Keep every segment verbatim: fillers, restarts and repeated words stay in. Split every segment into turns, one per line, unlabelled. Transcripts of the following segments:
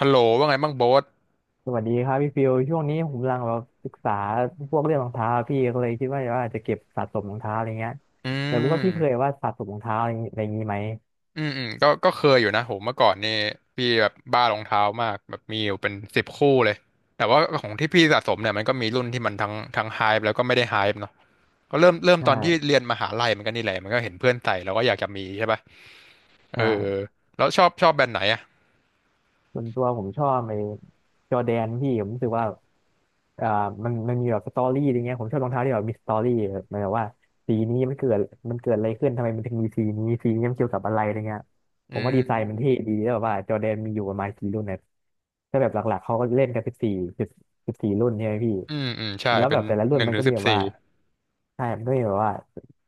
ฮัลโหลว่าไงบ้างโบ๊ท
สวัสดีครับพี่ฟิวช่วงนี้ผมกำลังแบบศึกษาพวกเรื่องรองเท้าพี่ก็เลยคิดว่าว่าจะเก็บสะสมรองเท้าอะไรเงี้ย
อื
อยากรู้ว่าพี่เคย
ม
ว่าสะสมรองเท้าอะไรอย่างงี้อะไรอย่างงี้ไหม
อืมอืมก็ก็เคยอยู่นะโหเมื่อก่อนนี่พี่แบบบ้ารองเท้ามากแบบมีอยู่เป็นสิบคู่เลยแต่ว่าของที่พี่สะสมเนี่ยมันก็มีรุ่นที่มันทั้งทั้งไฮป์แล้วก็ไม่ได้ไฮป์เนาะก็เริ่มเริ่มตอนที่
ใช่
เรียนมหาลัยมันก็นี่แหละมันก็เห็นเพื่อนใส่แล้วก็อยากจะมีใช่ป่ะเออ
ใช่
แล้วชอบชอบแบรนด์ไหนอ่ะ
ส่วนตัวผมชอบไอ้จอร์แดนพี่ผมรู้สึกว่าอ่ามันมันมีแบบสตอรี่อะไรเงี้ยผมชอบรองเท้าที่แบบมีสตอรี่แบบหมายความว่าสีนี้มันเกิดมันเกิดอะไรขึ้นทำไมมันถึงมีสีนี้สีนี้มันเกี่ยวกับอะไรอะไรเงี้ย
อื
ผมว่าดีไซน์มันเท่
ม
ดีแล้วแบบว่าจอร์แดนมีอยู่ประมาณกี่รุ่นเนยถ้าแบบหลักๆเขาก็เล่นกันสิบสี่สิบสิบสี่รุ่นใช่ไหมพี่
อืมอืมใช่
แล้ว
เป็
แบ
น
บแต่ละรุ่
ห
น
นึ่ง
มัน
ถึง
ก็มี
สิบ
แบบ
สี่
ว่าใช่มันก็มีแบบว่า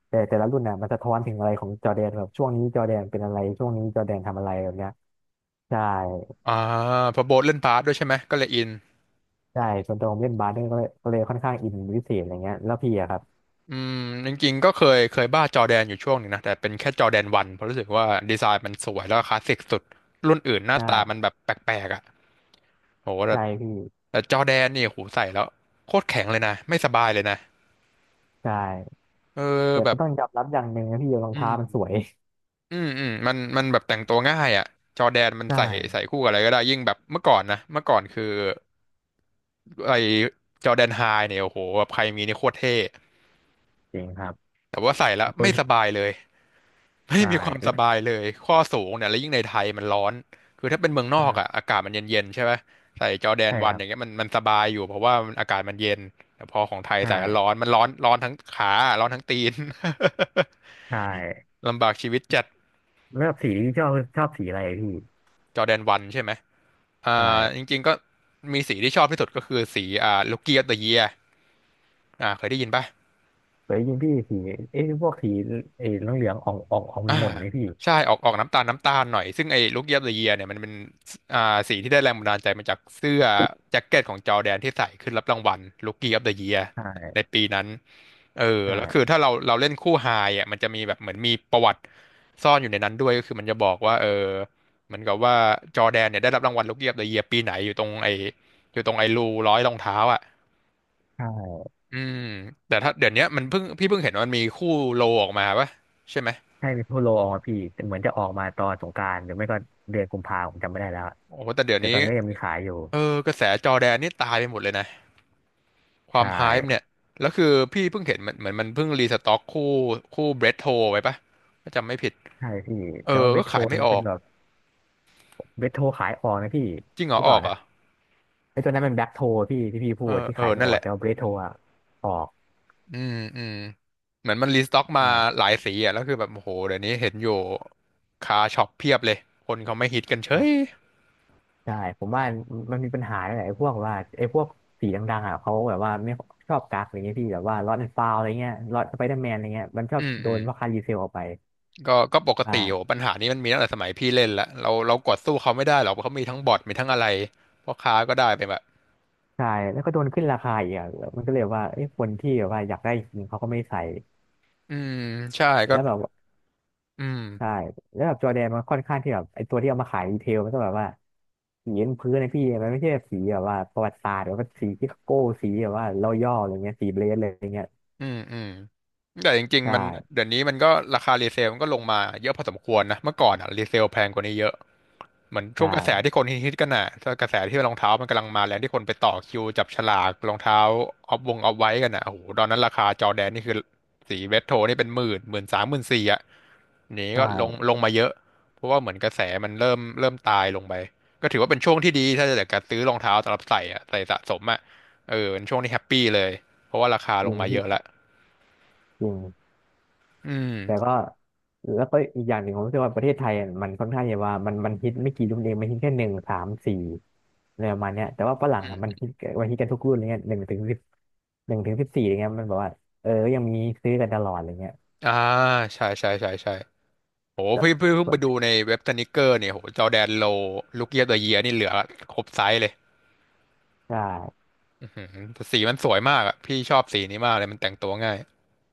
แต่แต่ละรุ่นน่ะมันสะท้อนถึงอะไรของจอร์แดนแบบช่วงนี้จอร์แดนเป็นอะไรช่วงนี้จอร์แดนทำอะไรแบบเนี้ยใช่
อ่าเพอโบ๊ทเล่นบาสด้วยใช่ไหมก็เลยอิน
ใช่ส่วนตัวผมเล่นบาสเนี่ยก็เลยก็เลยค่อนข้างอินเป็นพิเศษอะไรเงี้ยแล้วพี่อะครับ
อืมจริงๆก็เคยเคยบ้าจอแดนอยู่ช่วงหนึ่งนะแต่เป็นแค่จอแดนวันเพราะรู้สึกว่าดีไซน์มันสวยแล้วก็คลาสสิกสุดรุ่นอื่นหน้า
ใช่
ตามันแบบแปลกๆอ่ะโหแต่
ใช่พี่
แต่จอแดนนี่โหใส่แล้วโคตรแข็งเลยนะไม่สบายเลยนะ
ใช่
เออ
แต่
แบ
ก็
บ
ต้องยอมรับอย่างหนึ่งนะพี่รอง
อื
เท้า
ม
มันสวย
อืมอืมมันมันแบบแต่งตัวง่ายอ่ะจอแดนมัน
ใช่
ใส่ใส่คู่กับอะไรก็ได้ยิ่งแบบเมื่อก่อนนะเมื่อก่อนคือไอจอแดนไฮเนี่ยโอ้โหแบบใครมีนี่โคตรเท่
จริงครับ
แต่ว่าใส่แล้ว
โอ้
ไม่ส
ย
บายเลย ไม่
ใช่
มีความส
แล้ว
บายเลย ข้อสูงเนี่ยแล้วยิ่งในไทยมันร้อน คือถ้าเป็นเมืองน
ค
อก
รั
อ่ะ
บ
อากาศมันเย็นๆใช่ไหม ใส่จอร์แดน
ใช่
วั
ค
น
รั
อ
บ
ย่างเงี้ยมันมันสบายอยู่เพราะว่ามันอากาศมันเย็นแต่พอของไทย
ใช่
ใส่แล้วร้อน มันร้อนร้อนทั้งขา ร้อนทั้งตีน
ใช่
ลำบากชีวิตจัด
แล้วแบบสีที่ชอบชอบสีอะไรพี่
จอร์แดนวันใช่ไหมอ่าจ
ใช่
ริงๆก็มีสีที่ชอบที่สุดก็คือสีอ่าลูกี้ออฟเดอะเยียอ่าเคยได้ยินป่ะ
เคยยิงพี่สีเอ้ยพวกสีเอ้ยเหลืองๆออกออกออกมั
อ่า
นหม่นๆไหมพี่
ใช่ออกออกน้ำตาลน้ำตาลหน่อยซึ่งไอ้ลูกเยียบเดอะเยียเนี่ยมันเป็นอ่าสีที่ได้แรงบันดาลใจมาจากเสื้อแจ็คเก็ตของจอร์แดนที่ใส่ขึ้นรับรางวัลลูกเยียบเดอะเยีย
ใ
ใน
ช่
ปีนั้นเออแล้วคือ
ใช่
ถ้าเราเราเล่นคู่ไฮอ่ะมันจะมีแบบเหมือนมีประวัติซ่อนอยู่ในนั้นด้วยก็คือมันจะบอกว่าเออเหมือนกับว่าจอร์แดนเนี่ยได้รับรางวัลลูกเยียบเดอะเยียปีไหนอยู่ตรงไอ้อยู่ตรงไอ้รูร้อยรองเท้าอ่ะ
ใช่
อืมแต่ถ้าเดี๋ยวเนี้ยมันเพิ่งพี่เพิ่งเห็นว่ามันมีคู่โลออกมาปะใช่ไหม
ใช่มีโพโลออกมาพี่แต่เหมือนจะออกมาตอนสงกรานต์หรือไม่ก็เดือนกุมภาผมจำไม่ได้แล้ว
โอ้โหแต่เดี๋ยว
แต่ตอ
นี้
นนี้ก็ยังมีขายอยู่
เออกระแสจอร์แดนนี่ตายไปหมดเลยนะควา
ใช่
มไฮป์เนี่ยแล้วคือพี่เพิ่งเห็นมันเหมือนมันเพิ่งรีสต็อกคู่คู่เบรดโทไว้ปะถ้าจำไม่ผิด
ใช่พี่
เอ
แต่
อ
ว่าเว
ก็
ทโท
ขาย
น
ไม่ออ
เป็น
ก
แบบเวทโทขายออกนะพี่
จริงเหร
ห
อ
รือ
อ
เป
อ
ล่า
กเหร
นะ
อ่ะ
ไอ้ตัวนั้นเป็นแบ็คโทพี่ที่พี่พู
เอ
ด
อ
ที่
เอ
ขาย
อ
ไม่
นั่
อ
น
อ
แห
ก
ละ
แต่ว่าเวทโทอะออก
อืมอืมเหมือนมันรีสต็อกมา
ใช่
หลายสีอ่ะแล้วคือแบบโอ้โหเดี๋ยวนี้เห็นอยู่คาช็อปเพียบเลยคนเขาไม่ฮิตกันเฉ
อ่ะ
ย
ใช่ผมว่ามันมีปัญหาหลายพวกว่าไอ้พวกสีดังๆอ่ะเขาแบบว่าไม่ชอบกักอะไรเงี้ยพี่แบบว่าล็อตแอนด์ฟาวอะไรเงี้ยล็อตสไปเดอร์แมนอะไรเงี้ยมันชอบ
อืม
โด
อื
น
ม
ราคารีเซลออกไป
ก็ก็ปกติโอ้
ใช่
ปัญหานี้มันมีตั้งแต่สมัยพี่เล่นละเราเรากดสู้เขาไม่ได้หรอกเพราะเขามีทั้งบอทมีทั้งอะไรพ่อค้าก็ได้ไปแบบ
ใช่แล้วก็โดนขึ้นราคาอีกอ่ะมันก็เลยว่าไอ้คนที่แบบว่าอยากได้จริงเขาก็ไม่ใส่
อืมใช่ก็
แล้วแบบ
อืม
ใช่แล้วแบบจอร์แดนมันค่อนข้างที่แบบไอตัวที่เอามาขายดีเทลมันก็แบบว่าสีบนพื้นนะพี่มันไม่ใช่แบบสีแบบว่าประวัติศาสตร์หรือว่าสีที่โก้สีแบบว่าเราย่ออะไรเงี้ยสีเบรสเลยอะไรเงี้ย
อืมอืมแต่จริงๆ
ใช่
มันเดี๋ยวนี้มันก็ราคารีเซลมันก็ลงมาเยอะพอสมควรนะเมื่อก่อนอ่ะรีเซลแพงกว่านี้เยอะเหมือน
ใช
ช่วงกระแสที่
่
คนฮิตๆกันน่ะถ้ากระแสที่รองเท้ามันกำลังมาแรงที่คนไปต่อคิวจับฉลากรองเท้าออฟวงออฟไว้กันน่ะโอ้โหตอนนั้นราคาจอร์แดนนี่คือสีเรดโทนี่เป็นหมื่นหมื่นสามหมื่นสี่อ่ะหนี
ใ
ก็ลง
ช่
ลงมาเยอะเพราะว่าเหมือนกระแสมันเริ่มเริ่มตายลงไปก็ถือว่าเป็นช่วงที่ดีถ้าจะเกิดการซื้อรองเท้าสำหรับใส่อ่ะใส่สะสมอ่ะเออเป็นช่วงที่แฮปปี้เลยเพราะว่าราคา
จ
ล
ริ
ง
ง
มาเย
พี่
อะละ
จริง
อืม
แต่ก็แล้วก็อีกอย่างหนึ่งผมรู้สึกว่าประเทศไทยอะมันค่อนข้างจะว่ามันมันฮิตไม่กี่รุ่นเองมันฮิตแค่หนึ่งสามสี่อะไรประมาณเนี้ยแต่ว่าฝรั่ง
อื
อะมัน
ม
ฮิตมันฮิตกันทุกรุ่นอะไรเงี้ยหนึ่งถึงสิบหนึ่งถึงสิบสี่อะไรเงี้ยมันแบบว่าเออยังมีซื้อกันตลอดอะไรเงี้ย
อ่าใช่ใช่ใช่ใช่โห
ก็
พี่พี่เพิ่งไปดูในเว็บสนิเกอร์เนี่ยโหจอร์แดนโลลูกเยียบเอเยียนี่เหลือครบไซส์เลย
ใช่
อื้อหือแต่สีมันสวยมากอ่ะพี่ชอบสีนี้มากเลยมันแต่งตัวง่าย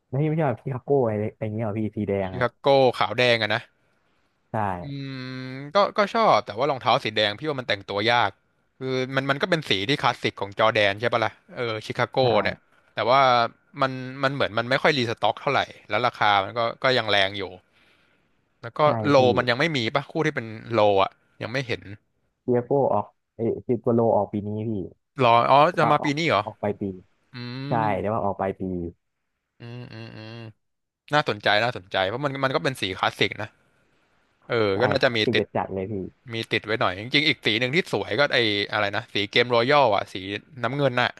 แล้วพี่ไม่ชอบพี่คาโก้อะไรอะไรเงี้ยเหรอพี่สีแดง
ชิ
อ่ะ
คาโก้ขาวแดงอะนะ
ใช่
อืมก็ก็ชอบแต่ว่ารองเท้าสีแดงพี่ว่ามันแต่งตัวยากคือมันมันก็เป็นสีที่คลาสสิกของจอร์แดนใช่ปะล่ะเออชิคา
ใ
โก้เนี่ย
ช่
แต่ว่ามันมันเหมือนมันไม่ค่อยรีสต็อกเท่าไหร่แล้วราคามันก็ก็ยังแรงอยู่ แล้วก็
ใช่
โล
พี่
มันยังไม่มีปะคู่ที่เป็นโลอ่ะยังไม่เห็น
เปียโก้ออกเอยซิโกโลออกปีนี้พี่
รออ๋อจะ
อ่ะ
มา
ออ
ปี
ก
นี้เหรอ
ออกไปลายปี
อื
ใช่
ม
แต่ว่าออกไปลายปี
อืมอืมอืมน่าสนใจน่าสนใจเพราะมันมันก็เป็นสีคลาสสิกนะเออก็
ใช่
น่า
ค
จะ
รับ
มี
ติด
ติด
จัดๆเลยพี่
มีติดไว้หน่อยจริงๆอีกสีหนึ่งที่สวยก็ไออะไรนะสีเกมรอยัลอ่ะสีน้ำเงินน่ะ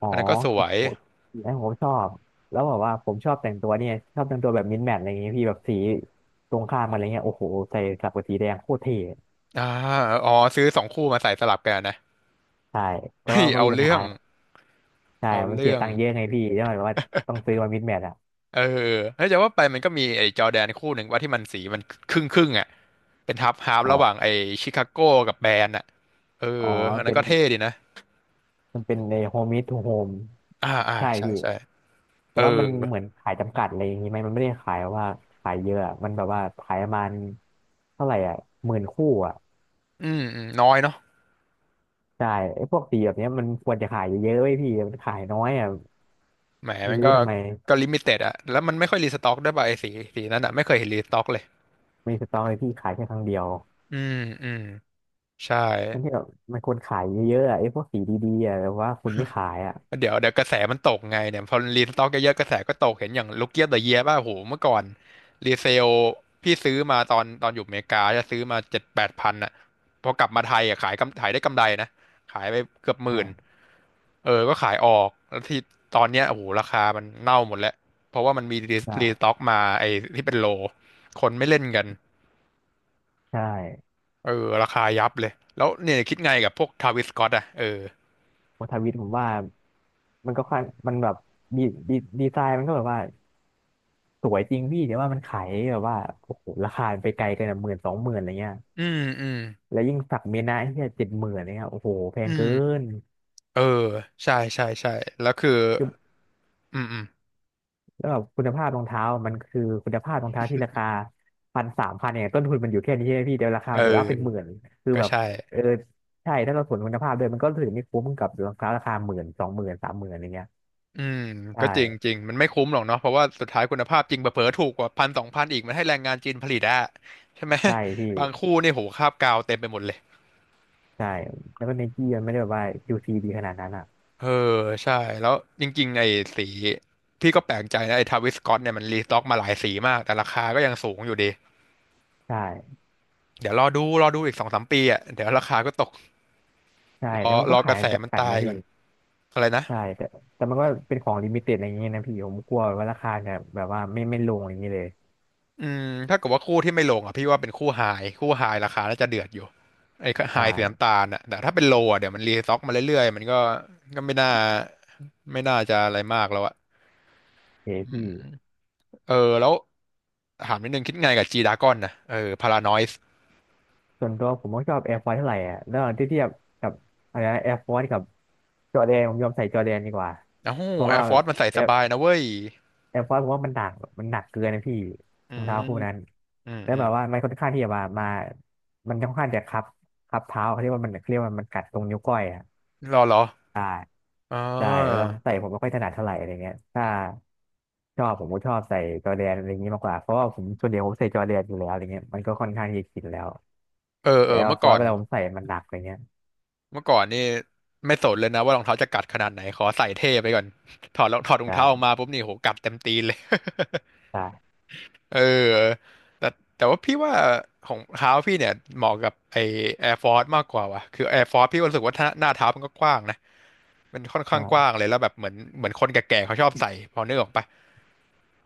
อ๋อ
อันนั้นก็สว
คือ
ย
โอ้ยนะผมชอบแล้วแบอกว่าผมชอบแต่งตัวเนี่ยชอบแต่งตัวแบบมินแมทอะไรเงี้ยพี่แบบสีตรงข้ามกันอะไรเงี้ยโอ้โหใส่สับกับสีแดงโคตรเท่
อ่าอ๋อซื้อสองคู่มาใส่สลับกันนะ
ใช่แต่
เฮ้
ว่า
ย
ก็
เอา
มีปัญ
เรื่อ
หา
ง
ใช่
เอา
มันเสี
เรื่
ย
อง
ตังค์เยอะไงพี่แล้วหมวว่าต้องซื้อมามินแมทอ่ะ
เออเฮ้ยจะว่าไปมันก็มีไอ้จอร์แดนคู่หนึ่งว่าที่มันสีมันครึ่งครึ่งอ่ะเป็นทับฮาล์ฟ
อ๋
ระหว่าง
อ
ไอ้ชิคาโก้กับแบรนด์อ่ะเอ
อ๋
อ
อ
อันนั้
เป็
น
น
ก็เท่ดีนะ
มันเป็นในโฮมมิ to โฮม
อ่าอ่า
ใช่
ใช่
พี่
ใช่
แต่
เออ
ว่ามันเหมือนขายจำกัดอะไรอย่างนี้ไหมมันไม่ได้ขายว่าขายเยอะอะมันแบบว่าขายประมาณเท่าไหร่อ่ะหมื่นคู่อ่ะ
อืมอืม น้อยเนาะ
ใช่ไอ้พวกสีแบบเนี้ยมันควรจะขายเยอะๆไว้ยพี่มันขายน้อยอ่ะ
แหม
ไม่
มัน
รู้
ก็
ทำไม
ก็ลิมิเต็ดอะแล้วมันไม่ค่อยรีสต็อกด้วยป่ะไอ้สีสีนั้นอะไม่เคยเห็นรีสต็อกเลย
มีสต็อกเลยพี่ขายแค่ครั้งเดียว
อืม อืม ใช่
นั่นที่แบบมันควรขายเยอะๆอะไอ้พวกสีดีๆอ่ะแต่ว่าคุณไม่ขายอ่ะ
เดี๋ยวเดี๋ยวกระแสมันตกไงเนี่ยพอรีสต็อกเยอะๆกระแสก็ตกเห็นอย่างลูกเกียบเดอะเยียป่ะโหเมื่อก่อนรีเซลพี่ซื้อมาตอนตอนอยู่อเมริกาจะซื้อมาเจ็ดแปดพันอ่ะพอกลับมาไทยอ่ะขายกำขายได้กำไรนะขายไปเกือบห
ใช่
มื่นเออก็ขายออกแล้วที่ตอนเนี้ยโอ้โหราคามันเน่าหมดแล้วเพราะว่ามันมีรี
ใช่
รีสต็อกมาไอ้ที่เป็นโลคนไม่เล่นกัน
ใช่
เออราคายับเลยแล้วเนี่ยคิดไงกับพวกทาวิสสก็อตอ่ะเออ
โอทาวิทผมว่ามันก็ค่อนมันแบบดีดีดีไซน์มันก็แบบว่า สวยจริงพี่แต่ว่ามันขายแบบว่าโอ้โหราคามันไปไกลกันหมื่นสองหมื่นอะไรเงี้ย
อืมอืม
แล้วยิ่งสักเมยนะที่เจ็ดหมื่นเนี่ยโอ้โหแพ
อื
งเกิ
ม
น
เออใช่ใช่ใช่แล้วคือ
คือ
อืมอืม
แล้วแบบคุณภาพรองเท้ามันคือคุณภาพรองเท้าที่ราคาพันสามพันเนี่ยต้นทุนมันอยู่แค่นี้ใช่ไหมพี่เดี๋ยวราคา
เ
มันโดนอัพเป็นหมื่
ออ
นคือ
ก็
แบบ
ใช่
เออใช่ถ้าเราสวนคุณภาพเลยมันก็ถือไม่คุ้มกับรองเท้าราคาหมื่นสองหมื่นสามหมื่นอะไรเงี้ย
อืม
ใช่
ก็จริงจริงมันไม่คุ้มหรอกเนาะเพราะว่าสุดท้ายคุณภาพจริงเผลอๆถูกกว่าพันสองพันอีกมันให้แรงงานจีนผลิตอะใช่ไหม
ใช่พี่
บางคู่นี่โหคราบกาวเต็มไปหมดเลย
ใช่แล้วก็ไนกี้มันไม่ได้แบบว่ายูซีดีขนาดนั้นอ่ะ
เออใช่แล้วจริงๆไอ้สีพี่ก็แปลกใจนะไอ้ทาวิสสก็อตเนี่ยมันรีสต็อกมาหลายสีมากแต่ราคาก็ยังสูงอยู่ดี
ใช่
เดี๋ยวรอดูรอดูอีกสองสามปีอ่ะเดี๋ยวราคาก็ตก
ใช่
ร
แล้
อ
วมัน
ร
ก็
อก
ขาย
ระแสมัน
จำกัด
ตา
นะ
ยก่
พี่
อนอะไรนะ
ใช่แต่แต่มันก็เป็นของลิมิเต็ดอะไรอย่างเงี้ยนะพี่ผมกลัวว่าราคาเนี่ยแบบว่าไม่ไม่ลงอย่างเงี้ยเลย
อืมถ้าเกิดว่าคู่ที่ไม่ลงอ่ะพี่ว่าเป็นคู่ไฮคู่ไฮราคาน่าจะเดือดอยู่ไอ้
ใ
ไฮสีน้ำ
ช่
ตาลอ่ะแต่ถ้าเป็นโลอ่ะเดี๋ยวมันรีซ็อกมาเรื่อยๆมันก็ก็ไม่น่าไม่น่าจะอะไรมากแล้วอ่ะ
โอเฮ
อื
พี่
มเออแล้วถามนิดนึงคิดไงกับจีดากอนนะเออพารานอยส์
ส่วนตัวผมก็ชอบแอร์ฟอร์เท่าไหร่อ่ะแล้วที่เทียบกับอะไรนะแอร์ฟอร์กับจอร์แดนผมยอมใส่จอร์แดนดีกว่า
โอ้โห
เพราะ
แอ
ว่า
ร์ฟอร์สมันใส่
แอ
ส
ร์
บายนะเว้ย
แอร์ฟอร์ผมว่ามันหนักมันหนักเกินนะพี่
อื
รองเท้า
ม
คู่นั้น
อืม
แล้ว
อื
แบ
ม
บว่ามันค่อนข้างที่จะมามามันค่อนข้างจะคับคับเท้าเขาเรียกว่ามันเขาเรียกว่ามันกัดตรงนิ้วก้อยอ่ะ
รอเหรอ
ใช่
อ่
ใช่เวลา
า
ผมใส่ผมไม่ค่อยถนัดเท่าไหร่อะไรเงี้ยถ้าชอบผมก็ชอบใส่จอร์แดนอะไรอย่างนี้มากกว่าเพราะว่าผมส่วนใหญ่ผมใส่จอร์แดนอยู่แล้วอะไรเงี้ยมันก็ค่อนข้างที่จะชินแล้ว
เออ
แต่
เออ
แอร์
เมื่อ
ฟอ
ก่อ
ร์เว
น
ลาผมใส่มันหนักอะไรเงี้ย
เมื่อก่อนนี่ไม่สนเลยนะว่ารองเท้าจะกัดขนาดไหนขอใส่เท่ไปก่อน ถอดรองถอดรอง
ใช่
เท้าออกมาปุ๊บนี่โหกัดเต็มตีนเลย
ใช่
เออแต่แต่ว่าพี่ว่าของเท้าพี่เนี่ยเหมาะกับไอ Air Force มากกว่าว่ะคือ แอร์ ฟอร์ซ พี่ก็รู้สึกว่าถ้าหน้าเท้ามันก็กว้างนะมันค่อนข้างกว้าง
ใช่
เลยแล้วแบบเหมือนเหมือนคนแก่ๆเขาชอบใส่พอนึกออกปะ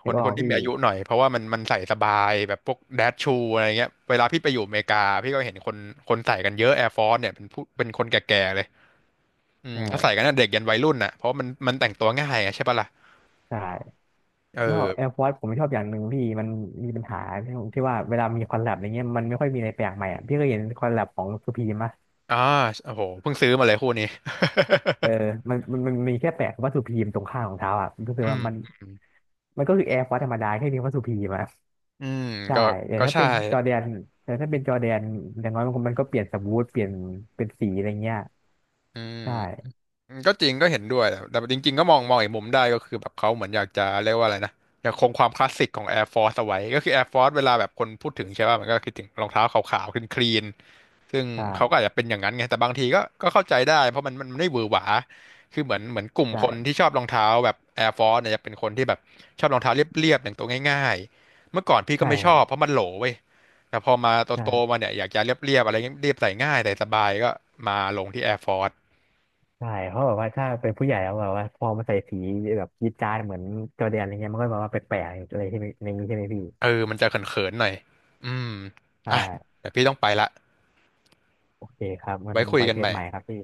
ค
นึ
น
กอ
ค
อ
น
ก
ที่
พี่
มีอายุหน่อยเพราะว่ามันมันใส่สบายแบบพวกแดชชูอะไรเงี้ยเวลาพี่ไปอยู่อเมริกาพี่ก็เห็นคนคนใส่กันเยอะ Air Force เนี่ยเป็นผู้เป็นคนแก่ๆเลย อืมเขาใส่
ใช่
กันตั้งแต่เด็กยันวัยรุ่นน่ะเพราะมันมันแต่งตัวง่ายอะใช่ปะล่ะ
ใช่
เออ
แล้วแอร์ฟอร์ผมชอบอย่างหนึ่งพี่มันมีปัญหาที่ผมที่ว่าเวลามีคอลแลบอะไรเงี้ยมันไม่ค่อยมีอะไรแปลกใหม่อ่ะพี่เคยเห็นคอลแลบของสุพีมะ
อ่าโอ้โหเพิ่งซื้อมาเลยคู่นี้
เออมันมันมันมีแค่แปะคำว่าสุพีมตรงข้างของเท้าอ่ะรู้สึก
อื
ว่ามัน
ม
มันก็คือแอร์ฟอร์ธรรมดาแค่มีคำว่าสุพีมอะ
อืม
ใช่
ก็
อย่าง
ก็
ถ้า
ใช่
เป็นจอร์แดนแต่ถ้าเป็นจอร์แดนอย่างน้อยมันก็มันก็เปลี่ยนสมูทเปลี่ยนเป็นสีอะไรเงี้ย
อืม
ใช่
อืมก็จริงก็เห็นด้วยแต่แต่จริงๆก็มองมองอีกมุมได้ก็คือแบบเขาเหมือนอยากจะเรียกว่าอะไรนะอยากคงความคลาสสิกของ Air Force เอาไว้ก็คือ แอร์ ฟอร์ซ เวลาแบบคนพูดถึงใช่ป่ะมันก็คิดถึงรองเท้าขาวๆคลีนๆซึ่งเขาก็
ใช่
อาจจะเป็นอย่างนั้นไงแต่บางทีก็ก็เข้าใจได้เพราะมันมันมันไม่หวือหวาคือเหมือนเหมือนกลุ่ม
ใช่
คนที่ชอบรองเท้าแบบ Air Force เนี่ยจะเป็นคนที่แบบชอบรองเท้าเรียบๆอย่างตัวง่ายๆเมื่อก่อนพี่ก็
ใช่
ไม่
ค
ช
รั
อ
บ
บเพราะมันโหลเว้ยแต่พอมา
ใช่
โตๆมาเนี่ยอยากจะเรียบๆอะไรเงี้ยเรียบใส่ง่ายใส่สบายก็มาลงที่ Air Force
ใช่เพราะแบบว่าถ้าเป็นผู้ใหญ่แล้วแบบว่าพอมาใส่สีแบบจี๊ดจ๊าดเหมือนจอร์แดนอะไรเงี้ยมันก็แบบว่าแปลกๆอะไรที่ในนี้ใช่ไหมพี่
เออมันจะเขินๆหน่อย อืม
ใช่
อ่ะแต่พี่ต้องไปละ
โอเคครับมัน
ไว้คุย
ไป
กัน
เชิ
ให
ญ
ม่
ใหม่ครับพี่